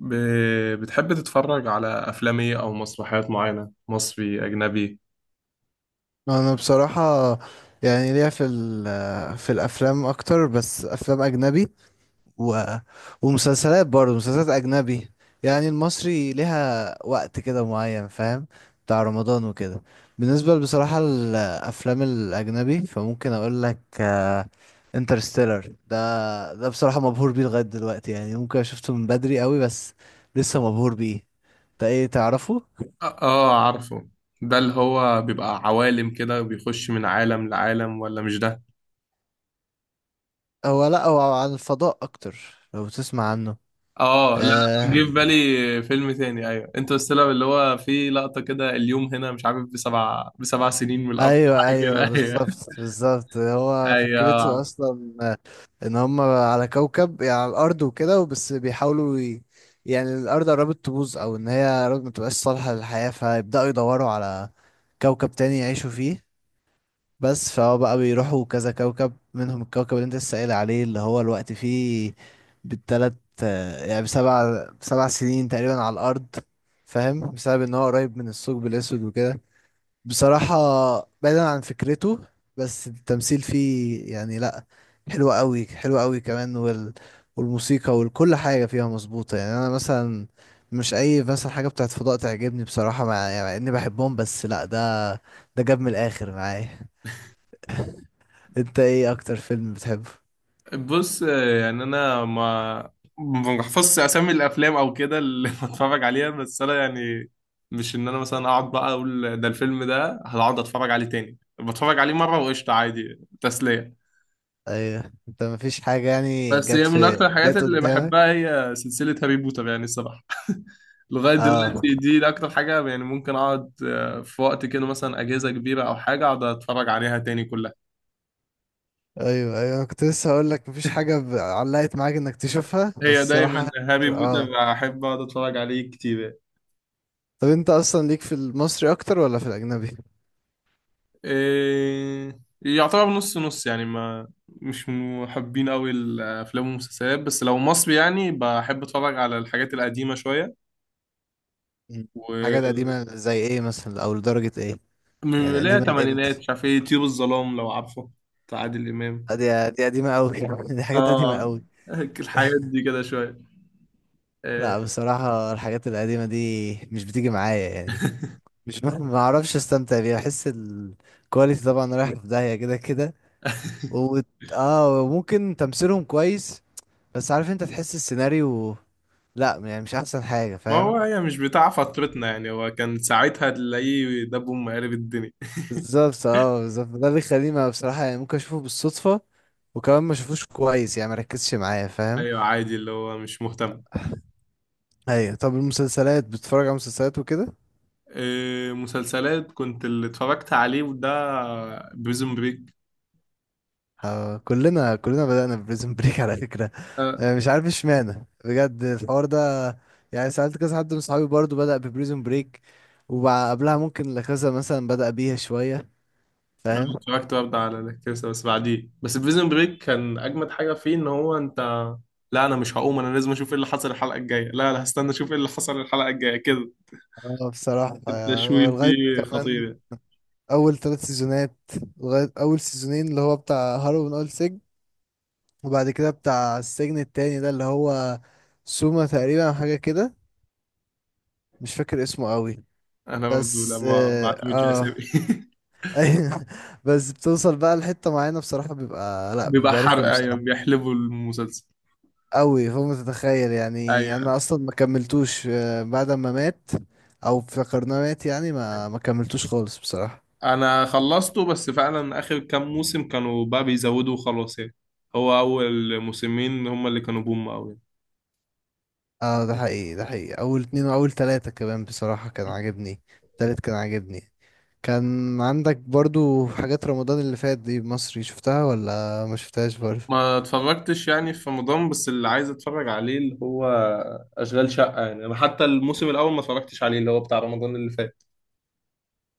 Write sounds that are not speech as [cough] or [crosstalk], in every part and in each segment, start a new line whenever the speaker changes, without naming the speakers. ب... بتحب تتفرج على أفلام إيه أو مسرحيات معينة، مصري أجنبي؟
انا بصراحة، يعني ليا في في الافلام اكتر. بس افلام اجنبي و... ومسلسلات، برضه مسلسلات اجنبي. يعني المصري ليها وقت كده معين، فاهم؟ بتاع رمضان وكده. بالنسبة بصراحة الافلام الاجنبي فممكن اقول لك انترستيلر. ده بصراحة مبهور بيه لغاية دلوقتي. يعني ممكن شفته من بدري قوي، بس لسه مبهور بيه. ده ايه، تعرفه؟
آه، آه، عارفه. ده اللي هو بيبقى عوالم كده بيخش من عالم لعالم، ولا مش ده؟
هو لا، هو عن الفضاء اكتر. لو تسمع عنه.
آه، لا.
آه.
جه في بالي فيلم تاني. أيوه، انترستيلر، اللي هو فيه لقطة كده، اليوم هنا مش عارف بسبع سنين من الأرض.
ايوه
حاجة كده،
ايوه
أيوه.
بالظبط بالظبط،
[laughs]
هو فكرته
أيوه.
اصلا ان هم على كوكب، يعني على الارض وكده، وبس بيحاولوا يعني الارض قربت تبوظ، او ان هي قربت ما تبقاش صالحه للحياه، فيبداوا يدوروا على كوكب تاني يعيشوا فيه. بس فهو بقى بيروحوا كذا كوكب، منهم الكوكب اللي انت لسه قايل عليه، اللي هو الوقت فيه بالتلات. يعني بسبع سنين تقريبا على الارض، فاهم؟ بسبب ان هو قريب من الثقب الاسود وكده. بصراحة بعيدا عن فكرته، بس التمثيل فيه يعني لأ، حلو قوي حلو قوي كمان والموسيقى وكل حاجة فيها مظبوطة. يعني أنا مثلا مش أي مثلا حاجة بتاعت فضاء تعجبني بصراحة. يعني مع إني بحبهم، بس لأ، ده ده جاب من الآخر معايا. [laughs] أنت إيه أكتر فيلم بتحبه؟
بص، يعني انا ما بحفظش اسامي الافلام او كده اللي [laughs] بتفرج عليها، بس انا يعني مش ان انا مثلا اقعد بقى اقول ده الفيلم ده هقعد اتفرج عليه تاني، بتفرج عليه مره وقشطه عادي، تسليه.
أيوه، أنت مفيش حاجة يعني
بس
جت
هي من
في،
اكتر الحاجات
جت
اللي
قدامك؟
بحبها هي سلسله هاري بوتر، يعني الصراحه. [laughs] لغايه
اه.
دلوقتي دي اكتر حاجه، يعني ممكن اقعد في وقت كده مثلا اجازه كبيره او حاجه، اقعد اتفرج عليها تاني كلها.
ايوه ايوه، أنا كنت لسه هقول لك مفيش حاجه علقت معاك انك تشوفها، بس
هي
الصراحه
دايما هاري بوتر.
اه.
بحب اقعد اتفرج عليه كتير.
طب انت اصلا ليك في المصري اكتر ولا في الاجنبي؟
إيه، يعتبر نص نص، يعني ما مش محبين قوي الافلام والمسلسلات، بس لو مصري يعني بحب اتفرج على الحاجات القديمه شويه.
مم. حاجات
و
قديمه زي ايه مثلا، او لدرجه ايه،
من
يعني
لا
قديمه
تمانينات،
لامتى؟
مش عارف ايه، طيور الظلام لو عارفه. بتاع عادل امام.
دي دي قديمه قوي. [laughs] دي حاجات قديمه
اه،
قوي.
الحاجات دي
[laughs]
كده شويه. إيه.
لا بصراحه الحاجات القديمه دي مش بتيجي معايا. يعني مش [laughs] ما اعرفش استمتع بيها. بحس الكواليتي طبعا رايح في داهيه كده كده و...
[laughs]
اه ممكن تمثيلهم كويس، بس عارف انت تحس السيناريو لا، يعني مش احسن حاجه،
ما هو
فاهم؟
هي مش بتاع فترتنا يعني، هو كان ساعتها تلاقيه دب أم قلب الدنيا. [laughs]
بالظبط اه بالظبط، ده اللي يخليني بصراحة يعني ممكن اشوفه بالصدفة، وكمان ما اشوفوش كويس، يعني ما ركزش معايا، فاهم؟
ايوه، عادي، اللي هو مش مهتم.
ايوه. طب المسلسلات بتتفرج على مسلسلات وكده؟
إيه، مسلسلات. كنت اللي اتفرجت عليه وده بريزون بريك.
ها، كلنا بدأنا بريزن بريك على فكرة.
أه.
مش عارف اشمعنى بجد الحوار ده. يعني سألت كذا حد من صحابي برضو بدأ ببريزن بريك، وقبلها ممكن لكذا مثلا بدأ بيها شوية،
أنا
فاهم؟
اتفرجت برضه على الكرسي بس بعديه، بس بريزون بريك كان أجمد حاجة فيه، إن هو أنت، لا أنا مش هقوم، أنا لازم أشوف إيه اللي حصل الحلقة الجاية. لا، لا، هستنى أشوف إيه اللي حصل الحلقة الجاية كده.
اه بصراحة يعني هو
التشويق
لغاية
فيه
كمان
خطير.
أول 3 سيزونات، لغاية أول سيزونين، اللي هو بتاع هارو من أول سجن، وبعد كده بتاع السجن التاني، ده اللي هو سوما تقريبا أو حاجة كده. مش فاكر اسمه قوي.
أنا برضه
بس
لما ما
اه,
اعتمدش
آه.
أسامي. [laughs]
[laughs] أيوة. بس بتوصل بقى لحتة معينة بصراحة، بيبقى لا
بيبقى
بيبقى
حرق،
رخم
أيوة
بصراحة
بيحلبوا المسلسل.
قوي فوق ما تتخيل. يعني
أيوة.
انا اصلا ما كملتوش بعد ما مات او افتكرناه مات. يعني ما كملتوش خالص بصراحة.
انا خلصته بس فعلا اخر كام موسم كانوا بقى بيزودوا وخلاص يعني. هو اول موسمين هم اللي كانوا بوم قوي.
اه ده حقيقي ده حقيقي. اول اتنين واول تلاتة كمان بصراحة كان عاجبني. التالت كان عاجبني. كان عندك برضو حاجات رمضان اللي فات دي، مصري، شفتها ولا ما شفتهاش برضو؟
ما اتفرجتش يعني في رمضان، بس اللي عايز اتفرج عليه اللي هو اشغال شقة. يعني انا حتى الموسم الاول ما اتفرجتش عليه، اللي هو بتاع رمضان اللي فات.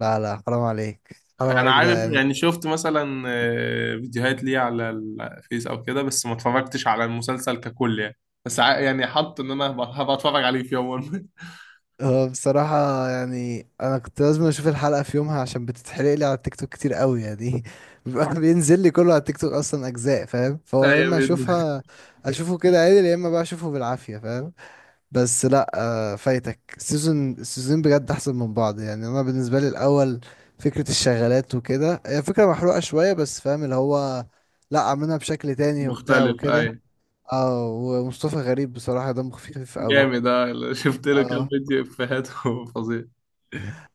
لا لا حرام عليك حرام
انا
عليك ده،
عارف
يعني.
يعني، شفت مثلا فيديوهات ليه على الفيس او كده، بس ما اتفرجتش على المسلسل ككل يعني. بس يعني حط ان انا هبقى اتفرج عليه في يوم. [laughs]
هو بصراحة يعني أنا كنت لازم أشوف الحلقة في يومها عشان بتتحرق لي على التيك توك كتير قوي. يعني [laughs] بيبقى بينزل لي كله على التيك توك أصلا أجزاء، فاهم؟
ما.
فهو يا إما
ايوه.
أشوفها أشوفه كده عادي، يا إما بقى أشوفه بالعافية، فاهم؟ بس لا، فايتك السيزون السيزونين بجد احسن من بعض. يعني انا بالنسبه لي الاول، فكره الشغالات وكده هي فكره محروقه شويه، بس فاهم اللي هو لا، عاملينها بشكل تاني وبتاع
مختلف،
وكده.
ايوه.
اه، ومصطفى غريب بصراحه دمه خفيف قوي.
جامد، اه. [laughs] شفت له كام
اه
فيديو افيهات. [laughs] فظيع.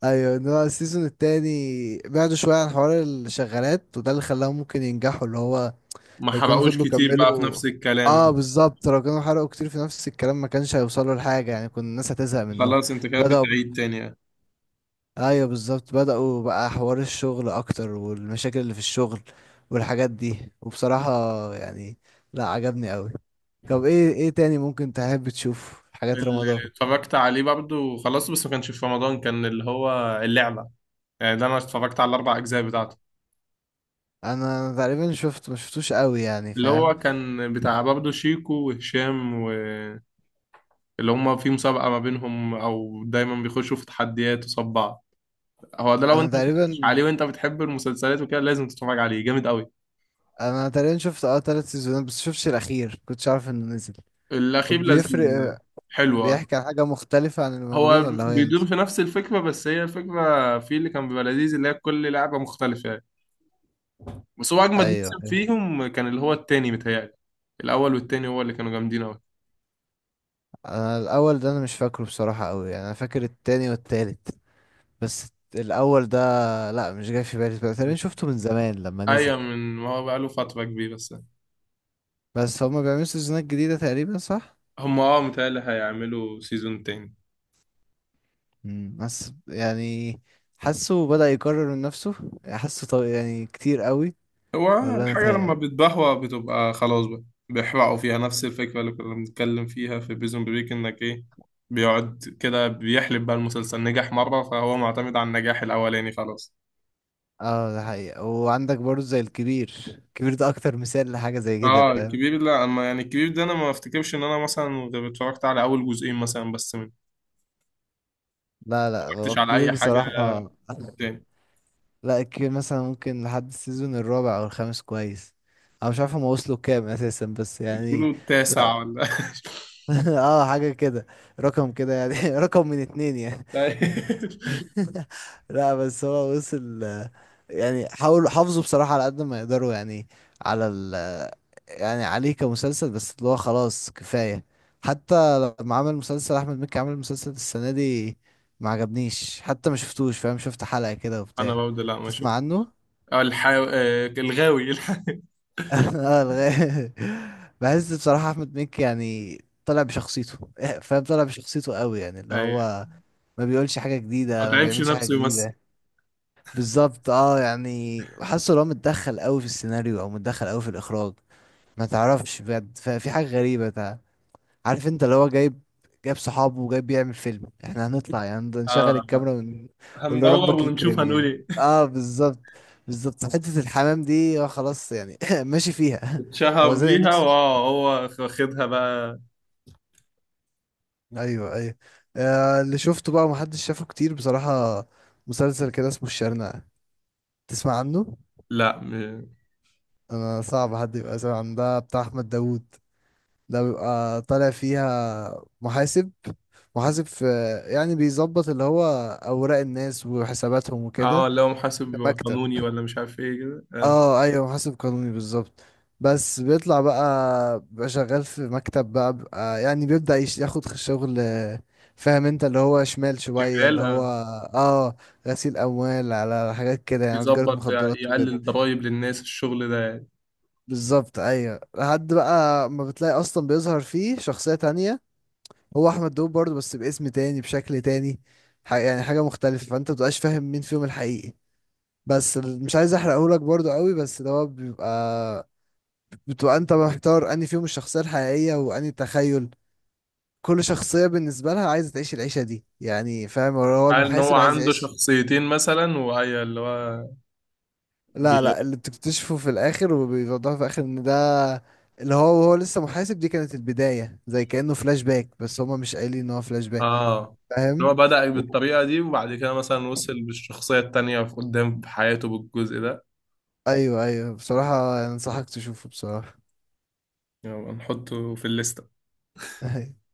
ايوه، ان هو السيزون التاني بعدوا شويه عن حوار الشغالات، وده اللي خلاهم ممكن ينجحوا. اللي هو
ما
لو كانوا
حرقوش
فضلوا
كتير بقى في
كملوا،
نفس الكلام.
اه بالظبط، لو كانوا حرقوا كتير في نفس الكلام ما كانش هيوصلوا لحاجه. يعني كنا الناس هتزهق منهم.
خلاص انت كده
بدأوا
بتعيد تاني يعني.
ايوه بالظبط، بدأوا بقى حوار الشغل اكتر، والمشاكل اللي في الشغل والحاجات دي. وبصراحة يعني لا، عجبني قوي. طب ايه تاني ممكن تحب تشوف حاجات
اللي
رمضان؟
اتفرجت عليه برضه خلاص، بس ما كانش في رمضان، كان اللي هو اللعبة. يعني ده انا اتفرجت على الاربع اجزاء بتاعته،
انا تقريبا شفت ما شفتوش قوي، يعني
اللي هو
فاهم.
كان بتاع برضه شيكو وهشام و اللي هما في مسابقة ما بينهم، أو دايما بيخشوا في تحديات وصف بعض. هو ده، لو
انا
أنت ما اتفرجتش
تقريبا
عليه وأنت بتحب المسلسلات وكده لازم تتفرج عليه، جامد أوي.
انا تقريبا شفت اه 3 سيزونات، بس شفتش الاخير. كنتش عارف انه نزل
الأخير لذيذ.
وبيفرق.
حلو، آه.
بيحكي عن حاجة مختلفة عن اللي موجودين
هو
ولا هو
بيدور
ينزل؟
في نفس الفكرة، بس هي الفكرة في اللي كان بيبقى لذيذ اللي هي كل لعبة مختلفة يعني. بس هو أجمد
ايوه
موسم
ايوه.
فيهم كان اللي هو التاني، متهيألي. الأول والتاني هو اللي كانوا جامدين أوي.
انا الاول ده انا مش فاكره بصراحة قوي، يعني انا فاكر التاني والتالت، بس الاول ده لا، مش جاي في بالي.
م.
تقريبا شفته من زمان لما نزل.
أيوة، من ما هو بقاله فترة كبيرة بس.
بس هما بيعملوا سيزونات جديدة تقريبا، صح؟
هم متهيألي هيعملوا سيزون تاني.
مم. بس يعني حاسه بدأ يكرر من نفسه، حاسه يعني كتير قوي.
هو
ولا انا
الحاجة لما
متهيألي.
بتبهوأ بتبقى خلاص بقى. بيحرقوا فيها نفس الفكرة اللي كنا بنتكلم فيها في بريزون بريك، إنك إيه، بيقعد كده بيحلب بقى المسلسل، نجح مرة فهو معتمد على النجاح الأولاني خلاص.
اه ده حقيقة. وعندك برضه زي الكبير. الكبير ده اكتر مثال لحاجة زي كده،
اه،
فاهم؟
الكبير، لا، اما يعني الكبير ده انا ما افتكرش ان انا مثلا غير اتفرجت على اول جزئين مثلا، بس ما
لا لا، هو
اتفرجتش على
الكبير
اي حاجه
بصراحة. [laughs]
تاني.
لا الكبير مثلا ممكن لحد السيزون الرابع او الخامس كويس. انا مش عارف هما وصلوا كام اساسا، بس
بتقولوا
يعني. لا
التاسع ولا؟
[laughs] اه حاجة كده، رقم كده. يعني [laughs] رقم من اتنين يعني.
[laughs] لا.
[laughs] لا بس هو وصل يعني حاولوا حافظوا بصراحة على قد ما يقدروا، يعني على ال، يعني عليه كمسلسل. بس اللي هو خلاص كفاية. حتى لما عمل مسلسل أحمد مكي، عمل مسلسل السنة دي ما عجبنيش. حتى ما شفتوش، فاهم؟ شفت حلقة كده
انا
وبتاع.
برضه، لا، ما
تسمع
شفت.
عنه؟ [laughs]
آه، الحا... آه، الغاوي. [laughs]
اه لغاية. بحس بصراحة أحمد مكي يعني طلع بشخصيته. [laughs] فاهم، طلع بشخصيته قوي. يعني اللي
أيوة.
هو ما بيقولش حاجة
ما
جديدة، ما
تعبش
بيعملش حاجة
نفسه يمثل.
جديدة. بالظبط اه، يعني حاسه لو متدخل قوي في السيناريو او متدخل قوي في الاخراج، ما تعرفش بجد. ففي حاجة غريبة عارف انت اللي هو جايب، جايب صحابه وجايب بيعمل فيلم. احنا هنطلع يعني نشغل
آه.
الكاميرا ونقول له
هندور
ربك
ونشوف
يكرم،
هنقول
يعني
ايه.
اه بالظبط. بالظبط حتة الحمام دي هو خلاص. يعني [laughs] ماشي فيها.
اتشهر
هو زانق
بيها،
نفسه.
واه هو واخدها بقى.
ايوه ايوه. آه، اللي شفته بقى ومحدش شافه كتير بصراحة، مسلسل كده اسمه الشرنقة، تسمع عنه؟
لا،
انا صعب حد يبقى سامع عن ده. بتاع احمد داوود. ده بيبقى طالع فيها محاسب، محاسب في، يعني بيظبط اللي هو اوراق الناس وحساباتهم وكده،
اه، اللي هو محاسب
في مكتب.
قانوني ولا مش عارف ايه كده، آه.
اه ايوه محاسب قانوني بالظبط. بس بيطلع بقى، بيبقى شغال في مكتب بقى، بيبقى يعني بيبدأ ياخد شغل. فاهم انت، اللي هو شمال شوية،
شمال،
اللي هو
آه.
اه غسيل اموال على حاجات كده، يعني تجارة
يظبط
مخدرات.
يقلل ضرايب للناس، الشغل ده يعني.
بالظبط ايوه. لحد بقى ما بتلاقي اصلا بيظهر فيه شخصية تانية. هو احمد داوود برضه، بس باسم تاني بشكل تاني. يعني حاجة مختلفة. فانت مبتبقاش فاهم مين فيهم الحقيقي. بس مش عايز احرقهولك برضه قوي. بس ده هو بيبقى، بتبقى انت محتار انهي فيهم الشخصية الحقيقية وانهي تخيل. كل شخصية بالنسبة لها عايزة تعيش العيشة دي. يعني فاهم، هو
قال ان هو
المحاسب عايز
عنده
يعيش.
شخصيتين مثلا، وهي اللي هو بي...
لا لا، اللي بتكتشفه في الاخر وبيوضحوا في الاخر ان ده اللي هو، وهو لسه محاسب، دي كانت البداية زي كأنه فلاش باك، بس هما مش قايلين ان هو فلاش باك،
اه، اللي
فاهم؟
هو بدأ
و-
بالطريقة دي، وبعد كده مثلا وصل بالشخصية التانية في قدام في حياته بالجزء ده.
ايوه ايوه بصراحة انصحك تشوفه بصراحة.
يلا، نحطه في الليستة.
[laughs]